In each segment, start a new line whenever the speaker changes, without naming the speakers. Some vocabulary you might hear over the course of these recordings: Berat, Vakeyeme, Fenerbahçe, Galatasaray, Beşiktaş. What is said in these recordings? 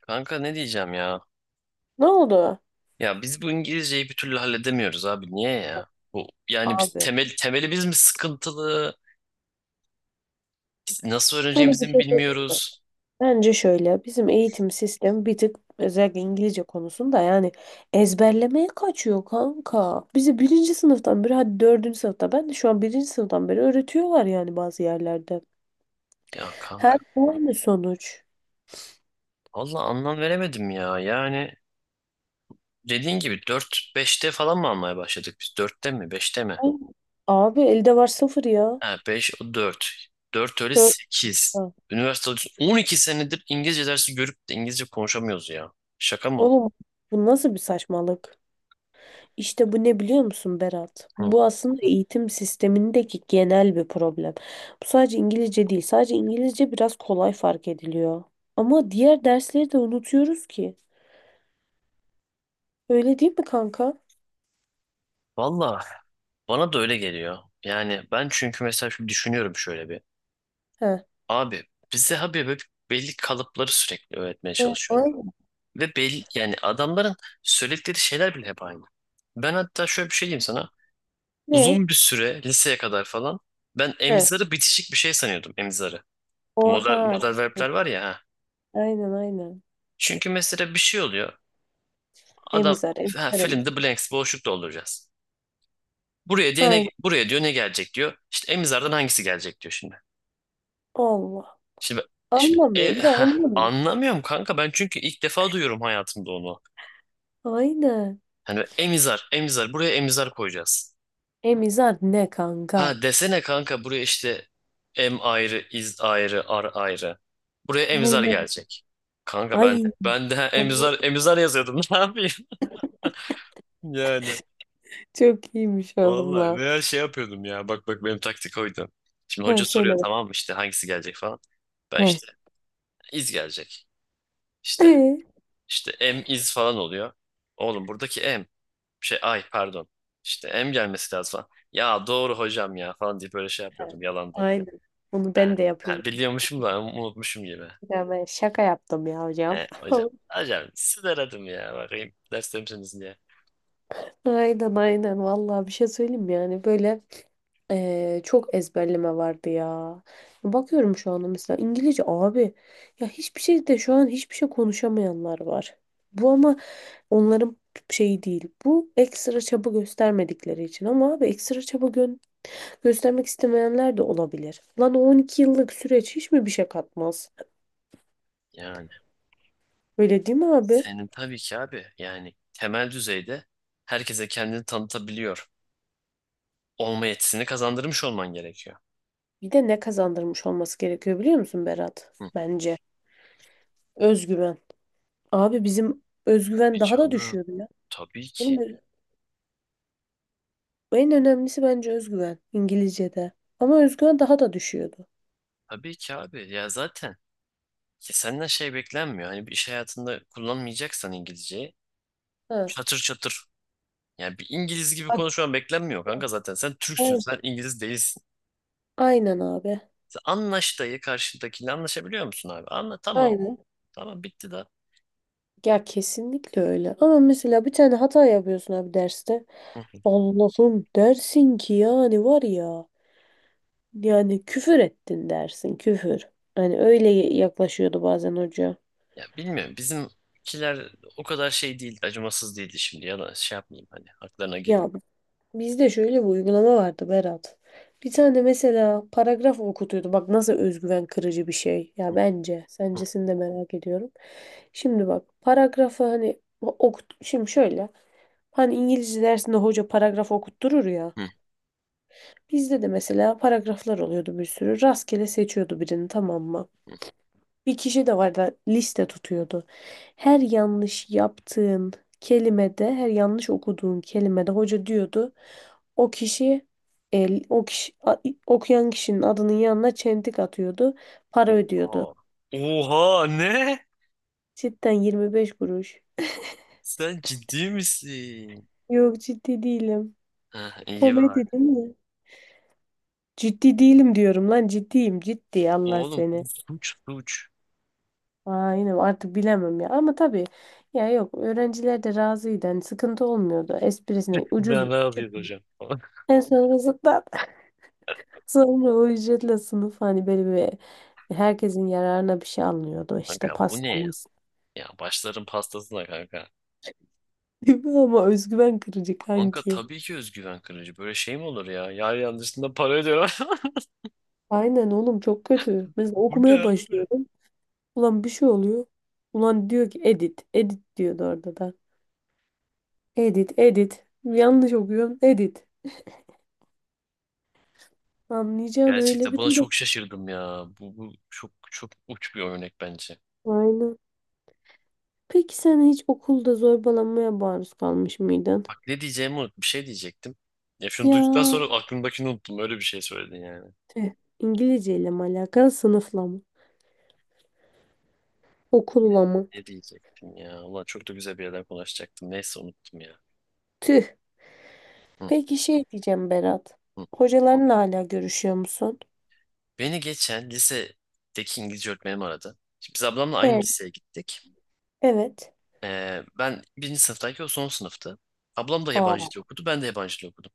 Kanka ne diyeceğim ya?
Ne oldu?
Ya biz bu İngilizceyi bir türlü halledemiyoruz abi. Niye ya? Bu yani biz
Abi
temelimiz mi sıkıntılı? Biz nasıl
sana
öğreneceğimizi
bir
mi
şey söyleyeyim mi?
bilmiyoruz?
Bence şöyle bizim eğitim sistemi bir tık özellikle İngilizce konusunda yani ezberlemeye kaçıyor kanka. Bizi birinci sınıftan beri hadi dördüncü sınıfta ben de şu an birinci sınıftan beri öğretiyorlar yani bazı yerlerde.
Ya kanka,
Her aynı sonuç.
valla anlam veremedim ya. Yani dediğin gibi dört beşte falan mı almaya başladık biz? Dörtte mi beşte mi?
Ay, Abi elde var sıfır ya.
Ha, 5 o 4 4 öyle
Dört.
sekiz. Üniversitede 12 senedir İngilizce dersi görüp de İngilizce konuşamıyoruz ya. Şaka mı?
Oğlum bu nasıl bir saçmalık? İşte bu ne biliyor musun Berat?
Hı.
Bu aslında eğitim sistemindeki genel bir problem. Bu sadece İngilizce değil. Sadece İngilizce biraz kolay fark ediliyor. Ama diğer dersleri de unutuyoruz ki. Öyle değil mi kanka?
Valla bana da öyle geliyor. Yani ben çünkü mesela şimdi düşünüyorum şöyle bir.
He.
Abi bize abi böyle belli kalıpları sürekli öğretmeye
Ve
çalışıyorlar.
ay-
Ve belli yani adamların söyledikleri şeyler bile hep aynı. Ben hatta şöyle bir şey diyeyim sana.
ve-
Uzun bir süre liseye kadar falan ben
he.
emizarı bitişik bir şey sanıyordum emizarı. Bu model,
Oha.
model verbler var ya. Ha.
Aynen, aynen.
Çünkü mesela bir şey oluyor. Adam
Emizar,
ha,
emizar,
fill in
emizar.
the blanks, boşluk dolduracağız. Buraya diye ne,
Aynen.
buraya diyor ne gelecek diyor. İşte emizardan hangisi gelecek diyor şimdi.
Allah.
Şimdi, şimdi
Anlamıyorum da anlamıyorum.
anlamıyorum kanka ben çünkü ilk defa duyuyorum hayatımda onu.
Aynen.
Hani emizar, emizar. Buraya emizar koyacağız.
Emizar ne
Ha
kanka?
desene kanka buraya işte em ayrı, iz ayrı, ar ayrı. Buraya emizar
Aynen.
gelecek. Kanka ben
Ay.
ben de ha,
Allah.
emizar emizar yazıyordum. Ne yapayım? Yani
Çok iyiymiş oğlum
vallahi
lan.
veya şey yapıyordum ya. Bak bak benim taktik oydu. Şimdi hoca
He,
soruyor,
söyle be.
tamam mı, işte hangisi gelecek falan. Ben
He.
işte iz gelecek. İşte
Ee,
işte em iz falan oluyor. Oğlum buradaki em. Şey, ay pardon. İşte em gelmesi lazım falan. Ya doğru hocam ya falan diye böyle şey
Evet.
yapıyordum yalandan.
Aynen. Onu
Ha,
ben de yapıyorum.
ha, biliyormuşum da unutmuşum gibi.
Ya ben şaka yaptım ya hocam.
He, hocam. Hocam sizi aradım ya bakayım derste misiniz diye.
Aynen, aynen. Vallahi bir şey söyleyeyim mi yani? Böyle çok ezberleme vardı ya. Bakıyorum şu anda mesela İngilizce abi. Ya hiçbir şey de şu an hiçbir şey konuşamayanlar var. Bu ama onların şeyi değil. Bu ekstra çaba göstermedikleri için. Ama abi ekstra göstermek istemeyenler de olabilir. Lan o 12 yıllık süreç hiç mi bir şey katmaz?
Yani
Öyle değil mi abi?
senin tabii ki abi yani temel düzeyde herkese kendini tanıtabiliyor olma yetisini kazandırmış olman gerekiyor.
Bir de ne kazandırmış olması gerekiyor biliyor musun Berat?
Hı.
Bence. Özgüven. Abi bizim
Bir
özgüven daha da
canım
düşüyordu ya.
tabii
Oğlum
ki
en önemlisi bence özgüven İngilizce'de. Ama özgüven daha da düşüyordu.
tabii ki abi ya zaten ya senden şey beklenmiyor. Hani bir iş hayatında kullanmayacaksan İngilizceyi
Ha.
çatır çatır. Yani bir İngiliz gibi
Abi,
konuşman beklenmiyor kanka zaten. Sen Türksün,
aynen.
sen İngiliz değilsin.
Aynen abi.
Sen anlaş dayı karşındakiyle anlaşabiliyor musun abi? Anla tamam.
Aynen.
Tamam bitti da.
Ya kesinlikle öyle. Ama mesela bir tane hata yapıyorsun abi derste.
Hı.
Allah'ım dersin ki yani var ya. Yani küfür ettin dersin küfür. Hani öyle yaklaşıyordu bazen hoca.
Ya bilmiyorum bizimkiler o kadar şey değildi, acımasız değildi şimdi. Ya da şey yapmayayım hani haklarına girmeyeyim.
Ya bizde şöyle bir uygulama vardı Berat. Bir tane mesela paragraf okutuyordu. Bak nasıl özgüven kırıcı bir şey.
Hı,
Ya bence.
hı,
Sencesini de merak ediyorum. Şimdi bak paragrafı hani okut. Şimdi şöyle. Hani İngilizce dersinde hoca paragraf okutturur ya.
hı,
Bizde de mesela paragraflar oluyordu bir sürü. Rastgele seçiyordu birini, tamam mı? Bir kişi de vardı liste tutuyordu. Her yanlış yaptığın kelimede, her yanlış okuduğun kelimede hoca diyordu. O kişi el, o kişi a- okuyan kişinin adının yanına çentik atıyordu. Para
hı.
ödüyordu.
Oha. Oha ne?
Cidden 25 kuruş.
Sen ciddi misin?
Yok, ciddi değilim.
Heh, iyi var.
Komedi değil mi? Ciddi değilim diyorum lan, ciddiyim ciddi, Allah
Oğlum bu
seni.
suç suç.
Aynen artık bilemem ya ama tabii ya yok, öğrenciler de razıydı, hani sıkıntı olmuyordu esprisine ucuz
Ben ne yapayım hocam?
en sonrasında sonra o ücretle sınıf hani böyle bir herkesin yararına bir şey alınıyordu işte
Kanka bu
pasta.
ne ya? Ya başların pastasına kanka.
Değil mi? Ama özgüven kırıcı
Kanka
kanki.
tabii ki özgüven kırıcı. Böyle şey mi olur ya? Yar yardımcısında para ödüyor.
Aynen oğlum çok kötü. Mesela
Bu ne
okumaya
abi?
başlıyorum. Ulan bir şey oluyor. Ulan diyor ki edit. Edit diyordu orada da. Edit, edit. Yanlış okuyorum. Edit. Anlayacağın öyle
Gerçekten
bir
buna
durum.
çok şaşırdım ya. Bu çok çok uç bir örnek bence.
Aynen. Peki sen hiç okulda zorbalanmaya maruz kalmış mıydın?
Bak ne diyeceğimi unut. Bir şey diyecektim. Ya şunu
Ya
duyduktan sonra aklımdakini unuttum. Öyle bir şey söyledin yani.
tüh. İngilizceyle mi alakalı, sınıfla mı?
Ne,
Okulla mı?
ne diyecektim ya? Ulan çok da güzel bir yerden konuşacaktım. Neyse unuttum ya.
Tüh.
Hı,
Peki şey diyeceğim Berat.
hı.
Hocalarınla hala görüşüyor musun?
Beni geçen lisedeki İngilizce öğretmenim aradı. Şimdi biz ablamla aynı
Evet.
liseye gittik.
Evet.
Ben birinci sınıftayken o son sınıftı. Ablam da yabancı
Aa.
dil okudu. Ben de yabancı dil okudum.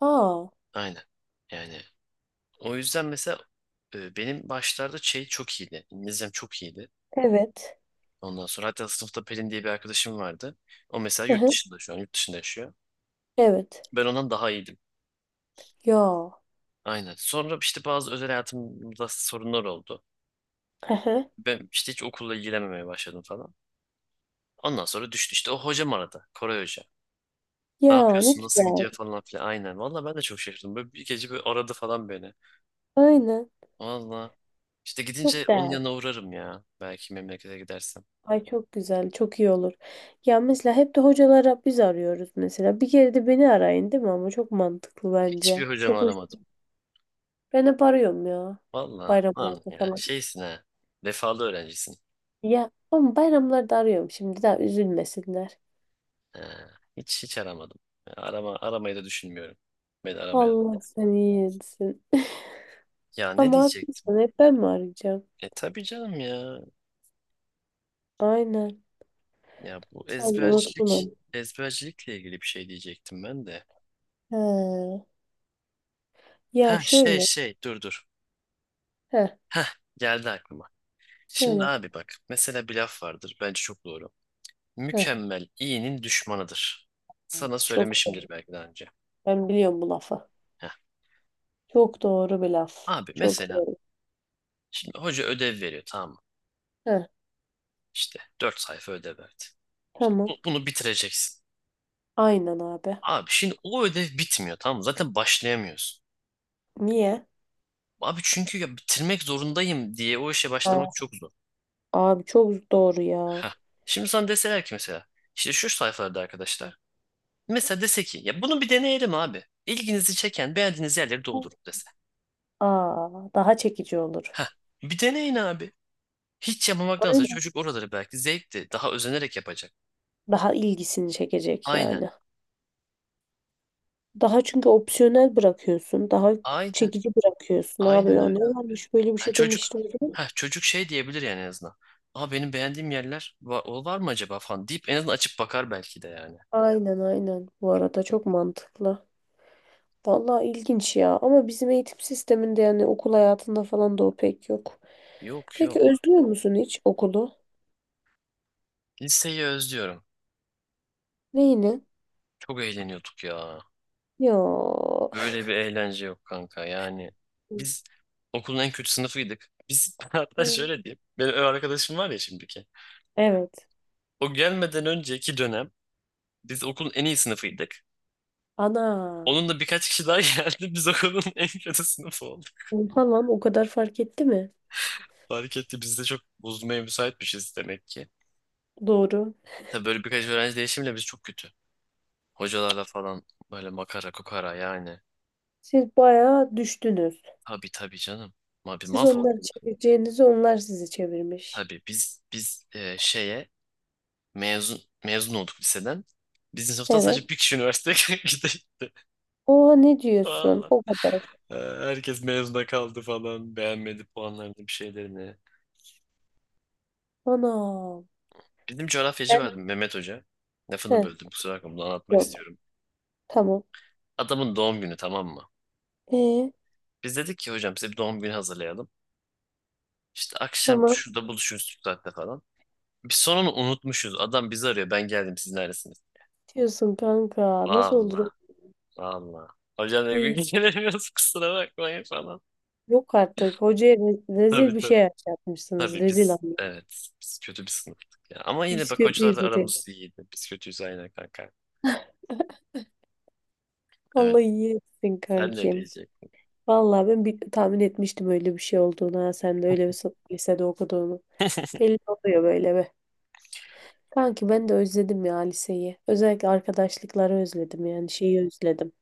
Aa.
Aynen. Yani o yüzden mesela benim başlarda şey çok iyiydi. İngilizcem çok iyiydi.
Evet.
Ondan sonra hatta sınıfta Pelin diye bir arkadaşım vardı. O mesela
Hı
yurt
hı.
dışında şu an yurt dışında yaşıyor.
Evet.
Ben ondan daha iyiydim.
Ya.
Aynen. Sonra işte bazı özel hayatımda sorunlar oldu.
Hı hı.
Ben işte hiç okulla ilgilenmemeye başladım falan. Ondan sonra düştü işte o hocam aradı. Koray Hoca. Ne
Ya ne
yapıyorsun? Nasıl gidiyor
güzel.
falan filan. Aynen. Valla ben de çok şaşırdım. Böyle bir gece böyle aradı falan beni.
Aynen.
Valla. İşte gidince
Çok
onun
değerli.
yanına uğrarım ya. Belki memlekete gidersem.
Ay çok güzel. Çok iyi olur. Ya mesela hep de hocalara biz arıyoruz mesela. Bir kere de beni arayın değil mi, ama çok mantıklı bence.
Hiçbir hocamı
Çok hoş.
aramadım.
Ben hep arıyorum ya.
Valla. Lan
Bayramlarda
ya
falan.
şeysin ha. Vefalı öğrencisin.
Ya ama bayramlarda arıyorum şimdi daha üzülmesinler.
Ha, hiç hiç aramadım. Aramayı da düşünmüyorum. Beni aramaya.
Allah seni iyi etsin.
Ya ne
Ama
diyecektim?
haklısın, hep ben mi arayacağım?
E tabii canım ya.
Aynen.
Ya bu
Sen de unuttun
ezbercilik.
onu.
Ezbercilikle ilgili bir şey diyecektim ben de.
He. Ya
Ha şey
şöyle.
şey dur dur.
He.
Ha geldi aklıma. Şimdi
Söyle.
abi bak mesela bir laf vardır. Bence çok doğru.
Heh,
Mükemmel iyinin düşmanıdır. Sana
çok doğru.
söylemişimdir belki daha önce.
Ben biliyorum bu lafı.
Heh.
Çok doğru bir laf.
Abi
Çok
mesela
doğru.
şimdi hoca ödev veriyor, tamam mı?
Heh,
İşte 4 sayfa ödev verdi. Şimdi
tamam.
bunu bitireceksin.
Aynen abi.
Abi şimdi o ödev bitmiyor tamam mı? Zaten başlayamıyorsun.
Niye?
Abi çünkü ya bitirmek zorundayım diye o işe başlamak
Ha,
çok zor.
abi çok doğru ya.
Heh. Şimdi sana deseler ki mesela işte şu sayfalarda arkadaşlar. Mesela dese ki ya bunu bir deneyelim abi. İlginizi çeken beğendiğiniz yerleri doldurun dese.
Aa, daha çekici olur.
Heh. Bir deneyin abi. Hiç yapmamaktansa
Aynen.
çocuk oraları belki zevkli. Daha özenerek yapacak.
Daha ilgisini çekecek
Aynen.
yani. Daha çünkü opsiyonel bırakıyorsun. Daha
Aynen.
çekici bırakıyorsun abi.
Aynen
Ya
öyle
ne
abi.
varmış, böyle bir
Ha,
şey
çocuk
demiştim.
ha, çocuk şey diyebilir yani en azından. Aa benim beğendiğim yerler var, o var mı acaba falan deyip en azından açıp bakar belki de yani.
Aynen, aynen. Bu arada çok mantıklı. Vallahi ilginç ya, ama bizim eğitim sisteminde yani okul hayatında falan da o pek yok.
Yok
Peki
yok.
özlüyor musun hiç okulu?
Liseyi özlüyorum.
Neyini?
Çok eğleniyorduk ya.
Yo.
Böyle bir eğlence yok kanka yani. Biz okulun en kötü sınıfıydık. Biz hatta
Evet.
şöyle diyeyim. Benim ev arkadaşım var ya şimdiki.
Evet.
O gelmeden önceki dönem biz okulun en iyi sınıfıydık.
Ana.
Onun da birkaç kişi daha geldi. Biz okulun en kötü sınıfı olduk.
Oha lan, o kadar fark etti mi?
Fark etti. Biz de çok bozulmaya müsaitmişiz demek ki.
Doğru.
Tabii böyle birkaç öğrenci değişimle biz çok kötü. Hocalarla falan böyle makara kukara yani.
Siz bayağı düştünüz.
Tabii tabii canım. Ma bir
Siz
mahvolduk.
onları çevireceğinizi, onlar sizi çevirmiş.
Tabii biz şeye, mezun olduk liseden. Bizim sınıftan sadece
Evet.
bir kişi üniversiteye gitti.
Oha ne diyorsun?
Valla.
O kadar.
Herkes mezuna kaldı falan. Beğenmedi puanlarını bir şeylerini.
Ana.
Bizim coğrafyacı
Ben
vardı Mehmet Hoca. Lafını
heh,
böldüm kusura bakma, bunu anlatmak
yok.
istiyorum.
Tamam.
Adamın doğum günü tamam mı?
E
Biz dedik ki hocam size bir doğum günü hazırlayalım. İşte akşam
tamam,
şurada buluşuruz şu saatte falan. Biz sonunu unutmuşuz. Adam bizi arıyor. Ben geldim, siz neredesiniz?
diyorsun kanka. Nasıl olur?
Valla valla. Hocam ne gün
Uy.
gelemiyoruz kusura bakmayın falan.
Yok artık. Hocaya rezil
Tabii
bir
tabii.
şey yapmışsınız.
Tabii
Rezil
biz
anne.
evet biz kötü bir sınıftık ya. Ama yine
Biz
bak
kötüyüz
hocalarla
zaten.
aramız iyiydi. Biz kötüyüz aynen kanka. Evet.
Allah iyi etsin
Sen ne
kankim.
diyeceksin?
Vallahi ben bir, tahmin etmiştim öyle bir şey olduğunu. Ha. Sen de öyle bir lisede okuduğunu. Belli oluyor böyle be. Kanki ben de özledim ya liseyi. Özellikle arkadaşlıkları özledim, yani şeyi özledim.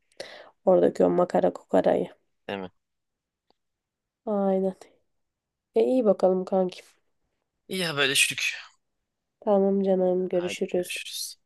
Oradaki o makara kukarayı.
Değil mi?
Aynen. E iyi bakalım kankim.
İyi haberleştik.
Tamam canım,
Hadi
görüşürüz.
görüşürüz.